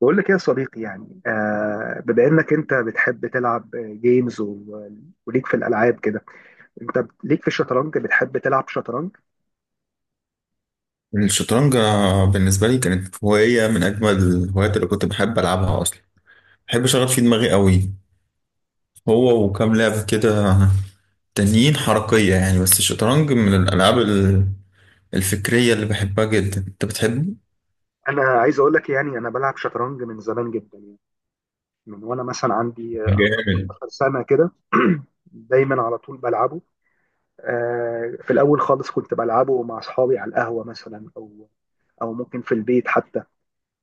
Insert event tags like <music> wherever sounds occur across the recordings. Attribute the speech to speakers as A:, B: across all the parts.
A: بقول لك ايه يا صديقي؟ يعني، بما انك انت بتحب تلعب جيمز وليك في الالعاب كده. انت ليك في الشطرنج، بتحب تلعب شطرنج؟
B: الشطرنج، بالنسبة لي كانت هواية من أجمل الهوايات اللي كنت بحب ألعبها أصلا. بحب أشغل فيه دماغي قوي. هو وكام لعبة كده تانيين حركية يعني، بس الشطرنج من الألعاب الفكرية اللي بحبها جدا. أنت بتحبه؟
A: انا عايز اقول لك، يعني انا بلعب شطرنج من زمان جدا، يعني من وانا مثلا عندي
B: جامد.
A: 15 سنه كده. <clears throat> دايما على طول بلعبه. في الاول خالص كنت بلعبه مع اصحابي على القهوه مثلا، او ممكن في البيت حتى.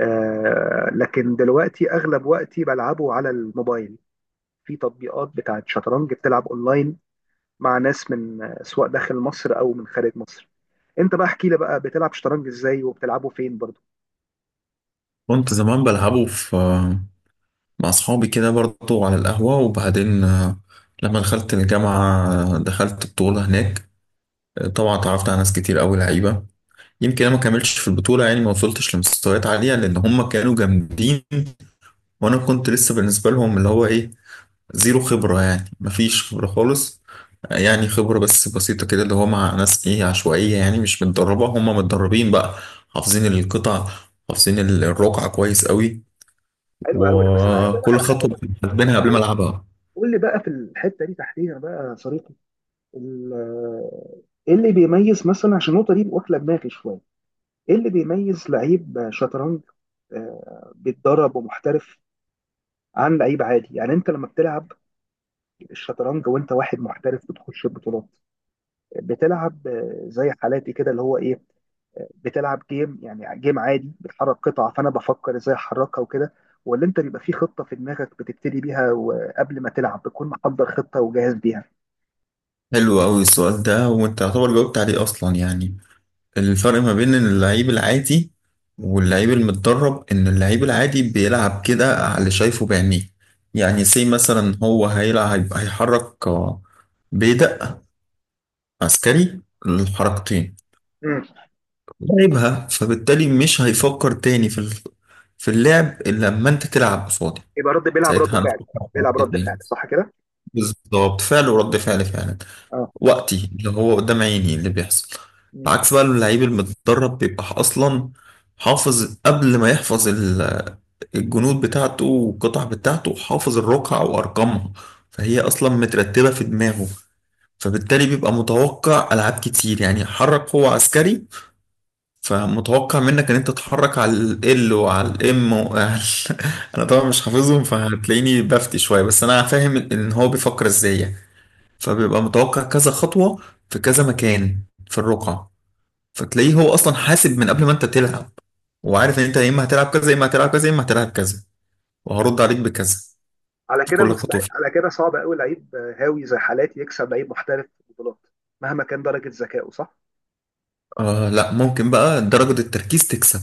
A: لكن دلوقتي اغلب وقتي بلعبه على الموبايل، في تطبيقات بتاعت شطرنج بتلعب اونلاين مع ناس من، سواء داخل مصر او من خارج مصر. انت بقى احكي لي بقى، بتلعب شطرنج ازاي وبتلعبه فين برضه؟
B: كنت زمان بلعبه مع أصحابي كده برضه على القهوة، وبعدين لما دخلت الجامعة دخلت بطولة هناك. طبعا اتعرفت على ناس كتير أوي لعيبة. يمكن انا ما كملتش في البطوله، يعني ما وصلتش لمستويات عاليه، لان هم كانوا جامدين وانا كنت لسه بالنسبه لهم اللي هو ايه، زيرو خبره، يعني ما فيش خبره خالص. يعني خبره بس بسيطه كده، اللي هو مع ناس ايه عشوائيه، يعني مش متدربه. هم متدربين بقى، حافظين القطع، حافظين الرقعه كويس قوي،
A: حلو قوي ده، بس انا عايز اقول لك
B: وكل
A: على حاجه
B: خطوه
A: بقى.
B: حاسبينها قبل ما
A: قول،
B: العبها.
A: قول لي بقى، في الحته دي تحديدا بقى يا صديقي، ال- ايه اللي بيميز مثلا، عشان النقطه دي واكله دماغي شويه، ايه اللي بيميز لعيب شطرنج بيتدرب ومحترف، عن لعيب عادي؟ يعني انت لما بتلعب الشطرنج وانت واحد محترف بتخش البطولات، بتلعب زي حالاتي كده اللي هو ايه، بتلعب جيم، يعني جيم عادي بتحرك قطع، فانا بفكر ازاي احركها وكده؟ ولا انت بيبقى في خطه في دماغك بتبتدي بيها، وقبل ما تلعب بتكون محضر خطه وجاهز بيها؟
B: حلو قوي السؤال ده، وانت يعتبر جاوبت عليه اصلا. يعني الفرق ما بين اللعيب العادي واللعيب المتدرب، ان اللعيب العادي بيلعب كده على اللي شايفه بعينيه. يعني سي مثلا، هو هيلعب هيحرك، بيدق عسكري، الحركتين
A: امم.
B: لعبها، فبالتالي مش هيفكر تاني في اللعب الا لما انت تلعب قصادي.
A: يبقى رد بيلعب
B: ساعتها
A: رد فعل،
B: هنفكر في
A: بيلعب رد فعل،
B: الحركتين.
A: صح كده؟
B: بالظبط، فعل ورد فعل فعلا.
A: اه.
B: وقتي اللي هو قدام عيني اللي بيحصل.
A: مم.
B: العكس بقى، اللعيب المتدرب بيبقى اصلا حافظ، قبل ما يحفظ الجنود بتاعته والقطع بتاعته، حافظ الرقعة وارقامها، فهي اصلا مترتبة في دماغه. فبالتالي بيبقى متوقع العاب كتير. يعني حرك هو عسكري، فمتوقع منك ان انت تتحرك على ال، وعلى الام، وعلى <laughs> انا طبعا مش حافظهم، فهتلاقيني بفتي شوية، بس انا فاهم ان هو بيفكر ازاي يعني. فبيبقى متوقع كذا خطوة في كذا مكان في الرقعة. فتلاقيه هو أصلا حاسب من قبل ما أنت تلعب، وعارف إن أنت يا إما هتلعب كذا، يا إما هتلعب كذا، يا إما هتلعب كذا، وهرد عليك بكذا
A: على
B: في
A: كده
B: كل خطوة
A: مستحيل،
B: فيه.
A: على كده صعب قوي لعيب هاوي زي حالاتي يكسب لعيب محترف في البطولات، مهما كان درجه ذكائه، صح؟
B: آه لا، ممكن بقى درجة التركيز تكسب.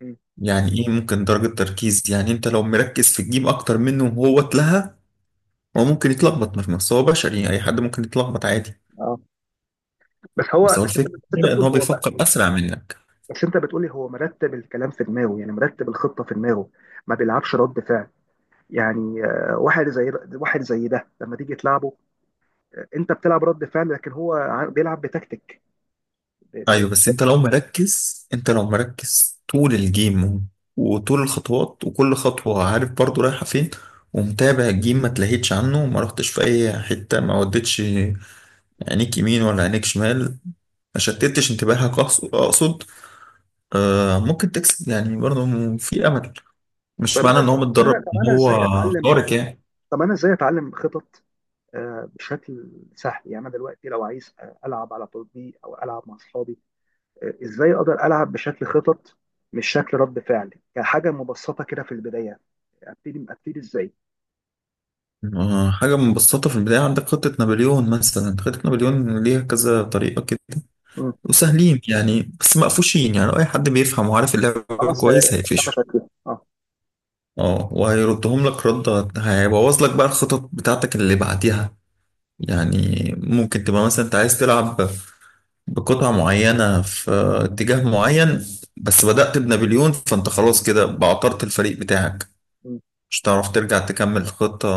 A: مم.
B: يعني إيه؟ ممكن درجة تركيز، يعني أنت لو مركز في الجيم أكتر منه وهو اتلهى، هو ممكن يتلخبط. مش بس هو، بشري يعني، أي حد ممكن يتلخبط عادي.
A: اه. بس هو
B: بس هو
A: بس انت بس
B: الفكرة
A: انت
B: إن
A: بتقول
B: هو
A: هو بقى،
B: بيفكر أسرع منك.
A: بس انت بتقولي هو مرتب الكلام في دماغه، يعني مرتب الخطه في دماغه، ما بيلعبش رد فعل. يعني واحد زي ده لما تيجي تلعبه، انت بتلعب رد فعل، لكن هو بيلعب بتكتيك. ب-
B: ايوه، بس
A: ب-
B: انت لو مركز، انت لو مركز طول الجيم وطول الخطوات، وكل خطوة عارف برضو رايحة فين، ومتابع الجيم، ما تلهيتش عنه، ما رحتش في اي حتة، ما وديتش عينيك يمين ولا عينيك شمال، ما شتتش انتباهك اقصد، آه ممكن تكسب يعني برضو. في امل، مش
A: طب انا
B: معنى ان هو
A: طب انا
B: متدرب
A: طب
B: ان
A: انا
B: هو
A: ازاي اتعلم
B: خارق يعني.
A: طب انا ازاي اتعلم خطط، بشكل سهل. يعني انا دلوقتي لو عايز العب على تطبيق، او العب مع اصحابي، ازاي اقدر العب بشكل خطط، مش شكل رد فعل، كحاجه مبسطه كده في البدايه؟ ابتدي، ابتدي ازاي؟
B: آه، حاجة مبسطة في البداية، عندك خطة نابليون مثلا. خطة نابليون ليها كذا طريقة كده،
A: مم.
B: وسهلين يعني، بس مقفوشين. يعني اي حد بيفهم وعارف اللعبه
A: خلاص.
B: كويس
A: انت
B: هيقفشه.
A: شكلها. اه.
B: اه، وهيردهم لك رده، هيبوظ لك بقى الخطط بتاعتك اللي بعديها. يعني ممكن تبقى مثلا انت عايز تلعب بقطعة معينة في اتجاه معين، بس بدأت بنابليون، فانت خلاص كده بعطرت الفريق بتاعك، مش هتعرف ترجع تكمل الخطة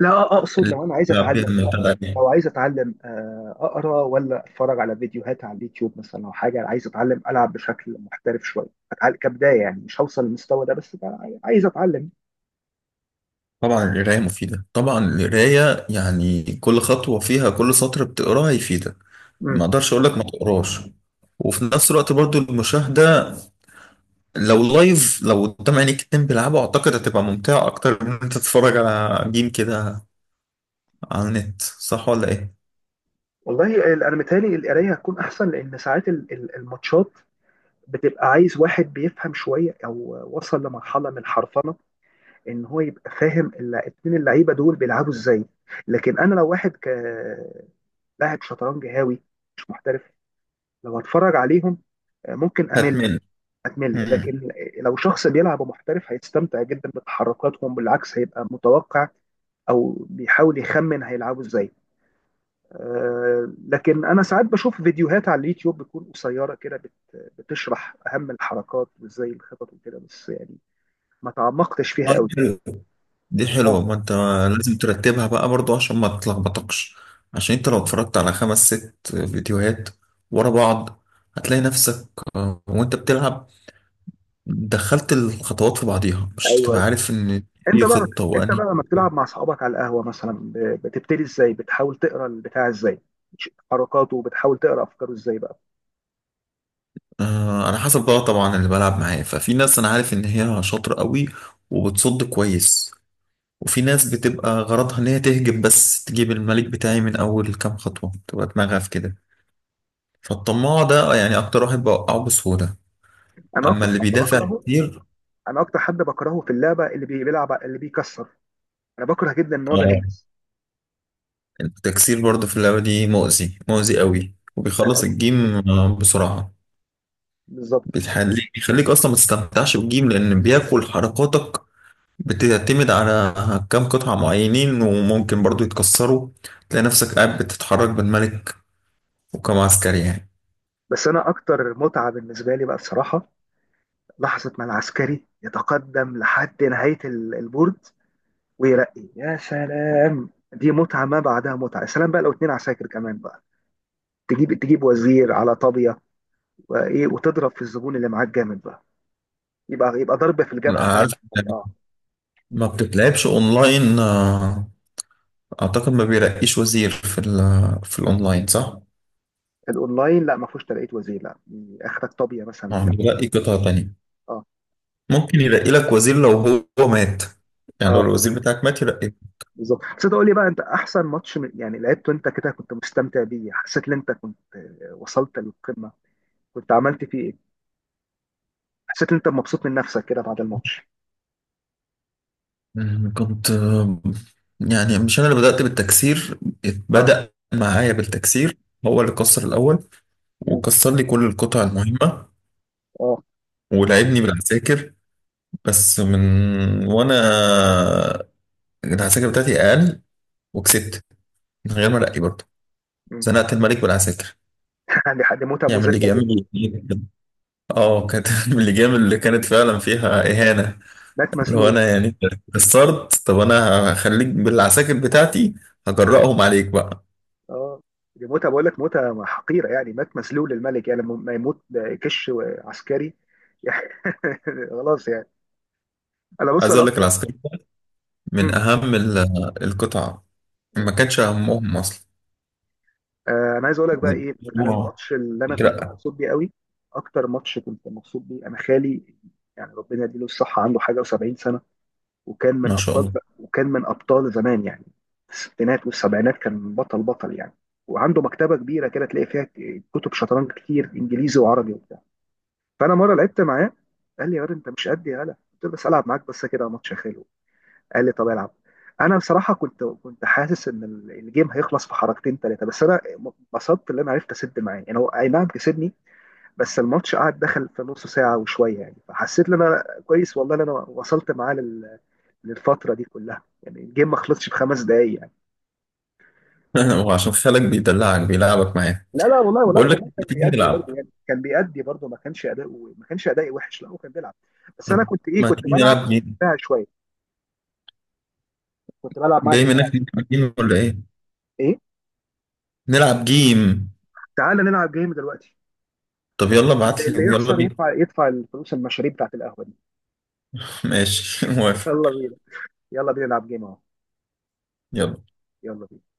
A: لا، اقصد
B: اللي
A: لو انا عايز
B: بتلعب بيها
A: اتعلم،
B: من بعدين.
A: لو عايز اتعلم، اقرا ولا اتفرج على فيديوهات على اليوتيوب مثلا، او حاجه؟ عايز اتعلم العب بشكل محترف شويه، أتعلم كبدايه، يعني مش هوصل للمستوى ده، بس بقى عايز اتعلم.
B: طبعا القراية مفيدة، طبعا القراية. يعني كل خطوة فيها، كل سطر بتقراه هيفيدك،
A: مم.
B: ما اقدرش اقول لك ما تقراش. وفي نفس الوقت برضو المشاهدة، لو لايف، لو قدام عينيك اتنين بيلعبوا، اعتقد هتبقى ممتعة اكتر من إن انت تتفرج على جيم كده على النت. صح ولا ايه؟
A: والله، انا متهيألي القرايه هتكون احسن، لان ساعات الماتشات بتبقى عايز واحد بيفهم شويه، او وصل لمرحله من الحرفنه، ان هو يبقى فاهم اتنين اللعيبه دول بيلعبوا ازاي. لكن انا لو واحد ك لاعب شطرنج هاوي، مش محترف، لو هتفرج عليهم ممكن امل،
B: هتمل.
A: اتمل.
B: مم.
A: لكن لو شخص بيلعب محترف هيستمتع جدا بتحركاتهم، بالعكس هيبقى متوقع او بيحاول يخمن هيلعبوا ازاي. لكن انا ساعات بشوف فيديوهات على اليوتيوب، بتكون قصيره كده، بتشرح اهم الحركات، وازاي الخطط وكده، بس يعني ما تعمقتش فيها
B: طيب،
A: قوي.
B: حلو. دي حلوة، ما
A: اه.
B: انت لازم ترتبها بقى برضو عشان ما تتلخبطكش. عشان انت لو اتفرجت على خمس ست فيديوهات ورا بعض، هتلاقي نفسك وانت بتلعب دخلت الخطوات في بعضيها، مش
A: ايوه،
B: هتبقى عارف ان
A: انت
B: هي
A: بقى
B: خطة
A: انت
B: وانهي.
A: بقى لما بتلعب مع اصحابك على القهوه مثلا، بتبتدي ازاي؟ بتحاول تقرا البتاع ازاي حركاته، وبتحاول تقرا افكاره ازاي بقى؟
B: على حسب بقى طبعا اللي بلعب معاه. ففي ناس انا عارف ان هي شاطرة قوي وبتصد كويس، وفي ناس بتبقى غرضها ان هي تهجم بس، تجيب الملك بتاعي من اول كام خطوة، تبقى دماغها في كده. فالطماع ده يعني اكتر واحد بوقعه بسهولة،
A: انا
B: اما
A: اكتر
B: اللي
A: حاجه
B: بيدافع
A: بكرهه،
B: كتير.
A: انا اكتر حد بكرهه في اللعبه اللي بيلعب اللي بيكسر، انا بكره جدا النوع ده من
B: آه،
A: الناس،
B: التكسير برضه في اللعبه دي مؤذي مؤذي
A: جدا
B: قوي،
A: جدا
B: وبيخلص
A: قوي.
B: الجيم بسرعه.
A: بالظبط.
B: بيخليك اصلا ما تستمتعش بالجيم، لان بياكل حركاتك. بتعتمد على كام قطعه معينين، وممكن برضه يتكسروا، تلاقي نفسك قاعد بتتحرك بالملك وكم عسكري يعني.
A: بس انا اكتر متعه بالنسبه لي بقى الصراحه، لحظه ما العسكري يتقدم لحد نهايه البورد ويرقي، يا سلام، دي متعه ما بعدها متعه. يا سلام بقى لو اتنين عساكر كمان بقى، تجيب، تجيب وزير على طابيه وايه، وتضرب في الزبون اللي معاك جامد بقى. يبقى ضرب في
B: لا،
A: الجبهه فعلا
B: عارف.
A: يعني. اه.
B: ما بتتلعبش اونلاين. اعتقد ما بيرقيش وزير في الاونلاين، صح؟
A: الاونلاين لا، ما فيهوش ترقيه وزير، لا، اخرك طابيه مثلا بتاع.
B: بيرقي قطعه تانية.
A: اه.
B: ممكن يرقي لك وزير لو هو مات، يعني لو
A: اه،
B: الوزير بتاعك مات يرقي.
A: بالظبط. بس تقول لي بقى، انت احسن ماتش يعني لعبته انت كده، كنت مستمتع بيه، حسيت ان انت كنت وصلت للقمه؟ كنت عملت فيه ايه؟ حسيت ان انت مبسوط من نفسك كده بعد الماتش؟
B: أمم، كنت آه، يعني مش انا اللي بدأت بالتكسير،
A: اه.
B: بدأ معايا بالتكسير، هو اللي كسر الاول
A: مم.
B: وكسر لي كل القطع المهمة،
A: اه.
B: ولعبني بالعساكر، بس من وانا العساكر بتاعتي اقل، وكسبت من غير ما ارقي برضه.
A: مم.
B: زنقت الملك بالعساكر،
A: <laughs> يعني حد موته
B: يعمل اللي
A: مذله
B: جامد.
A: جدا.
B: اه، كانت <laughs> من اللي جامد، اللي كانت فعلا فيها اهانة.
A: مات
B: لو
A: مذلول.
B: انا يعني قصرت، طب انا هخليك بالعساكر بتاعتي، هجرأهم عليك بقى.
A: اه، دي موته، بقول لك موته حقيره، يعني مات مذلول الملك، يعني لما ما يموت، كش عسكري. <laughs> يعني خلاص يعني. انا بص،
B: عايز
A: انا
B: اقول لك،
A: اكتر.
B: العسكري ده من
A: مم.
B: اهم القطع.
A: آه.
B: ما كانش اهمهم اصلا.
A: انا عايز اقول لك بقى ايه، انا
B: آه.
A: الماتش اللي انا كنت
B: لا.
A: مبسوط بيه قوي، اكتر ماتش كنت مبسوط بيه، انا خالي، يعني ربنا يديله الصحه، عنده حاجه و70 سنه، وكان من
B: ما شاء
A: ابطال،
B: الله.
A: وكان من ابطال زمان يعني، في الستينات والسبعينات كان بطل بطل يعني. وعنده مكتبه كبيره كده، تلاقي فيها كتب شطرنج كتير، انجليزي وعربي وبتاع. فانا مره لعبت معاه، قال لي يا واد انت مش قد، يا هلا قلت له، بس العب معاك بس كده ماتش يا خالي. قال لي طب العب. انا بصراحه كنت حاسس ان الجيم هيخلص في حركتين ثلاثه، بس انا انبسطت ان انا عرفت اسد معاه، يعني هو اي نعم كسبني، بس الماتش قعد، دخل في نص ساعه وشويه يعني، فحسيت ان انا كويس، والله ان انا وصلت معاه للفتره دي كلها، يعني الجيم ما خلصش في 5 دقايق يعني.
B: <laughs> وعشان خالك بيدلعك بيلعبك معاه،
A: لا لا، والله والله
B: بقول لك
A: والله، كان
B: تيجي
A: بيأدي
B: نلعب.
A: برضه يعني، كان بيأدي برضه، ما كانش اداؤه، ما كانش ادائي وحش، لا هو كان بيلعب. بس انا
B: طب
A: كنت ايه،
B: ما
A: كنت
B: تيجي
A: بلعب
B: نلعب جيم،
A: دفاع شويه، كنت بلعب مع
B: جاي
A: دفاع.
B: منك نلعب جيم ولا ايه؟
A: ايه.
B: نلعب جيم.
A: تعال نلعب جيم دلوقتي،
B: طب يلا ابعت
A: اللي
B: لي، يلا
A: يخسر
B: بينا.
A: يدفع، يدفع الفلوس المشاريب بتاعت القهوه دي.
B: <laughs> ماشي، <laughs>
A: <laughs>
B: موافق.
A: يلا بينا، يلا بينا نلعب جيم اهو،
B: يلا.
A: يلا بينا.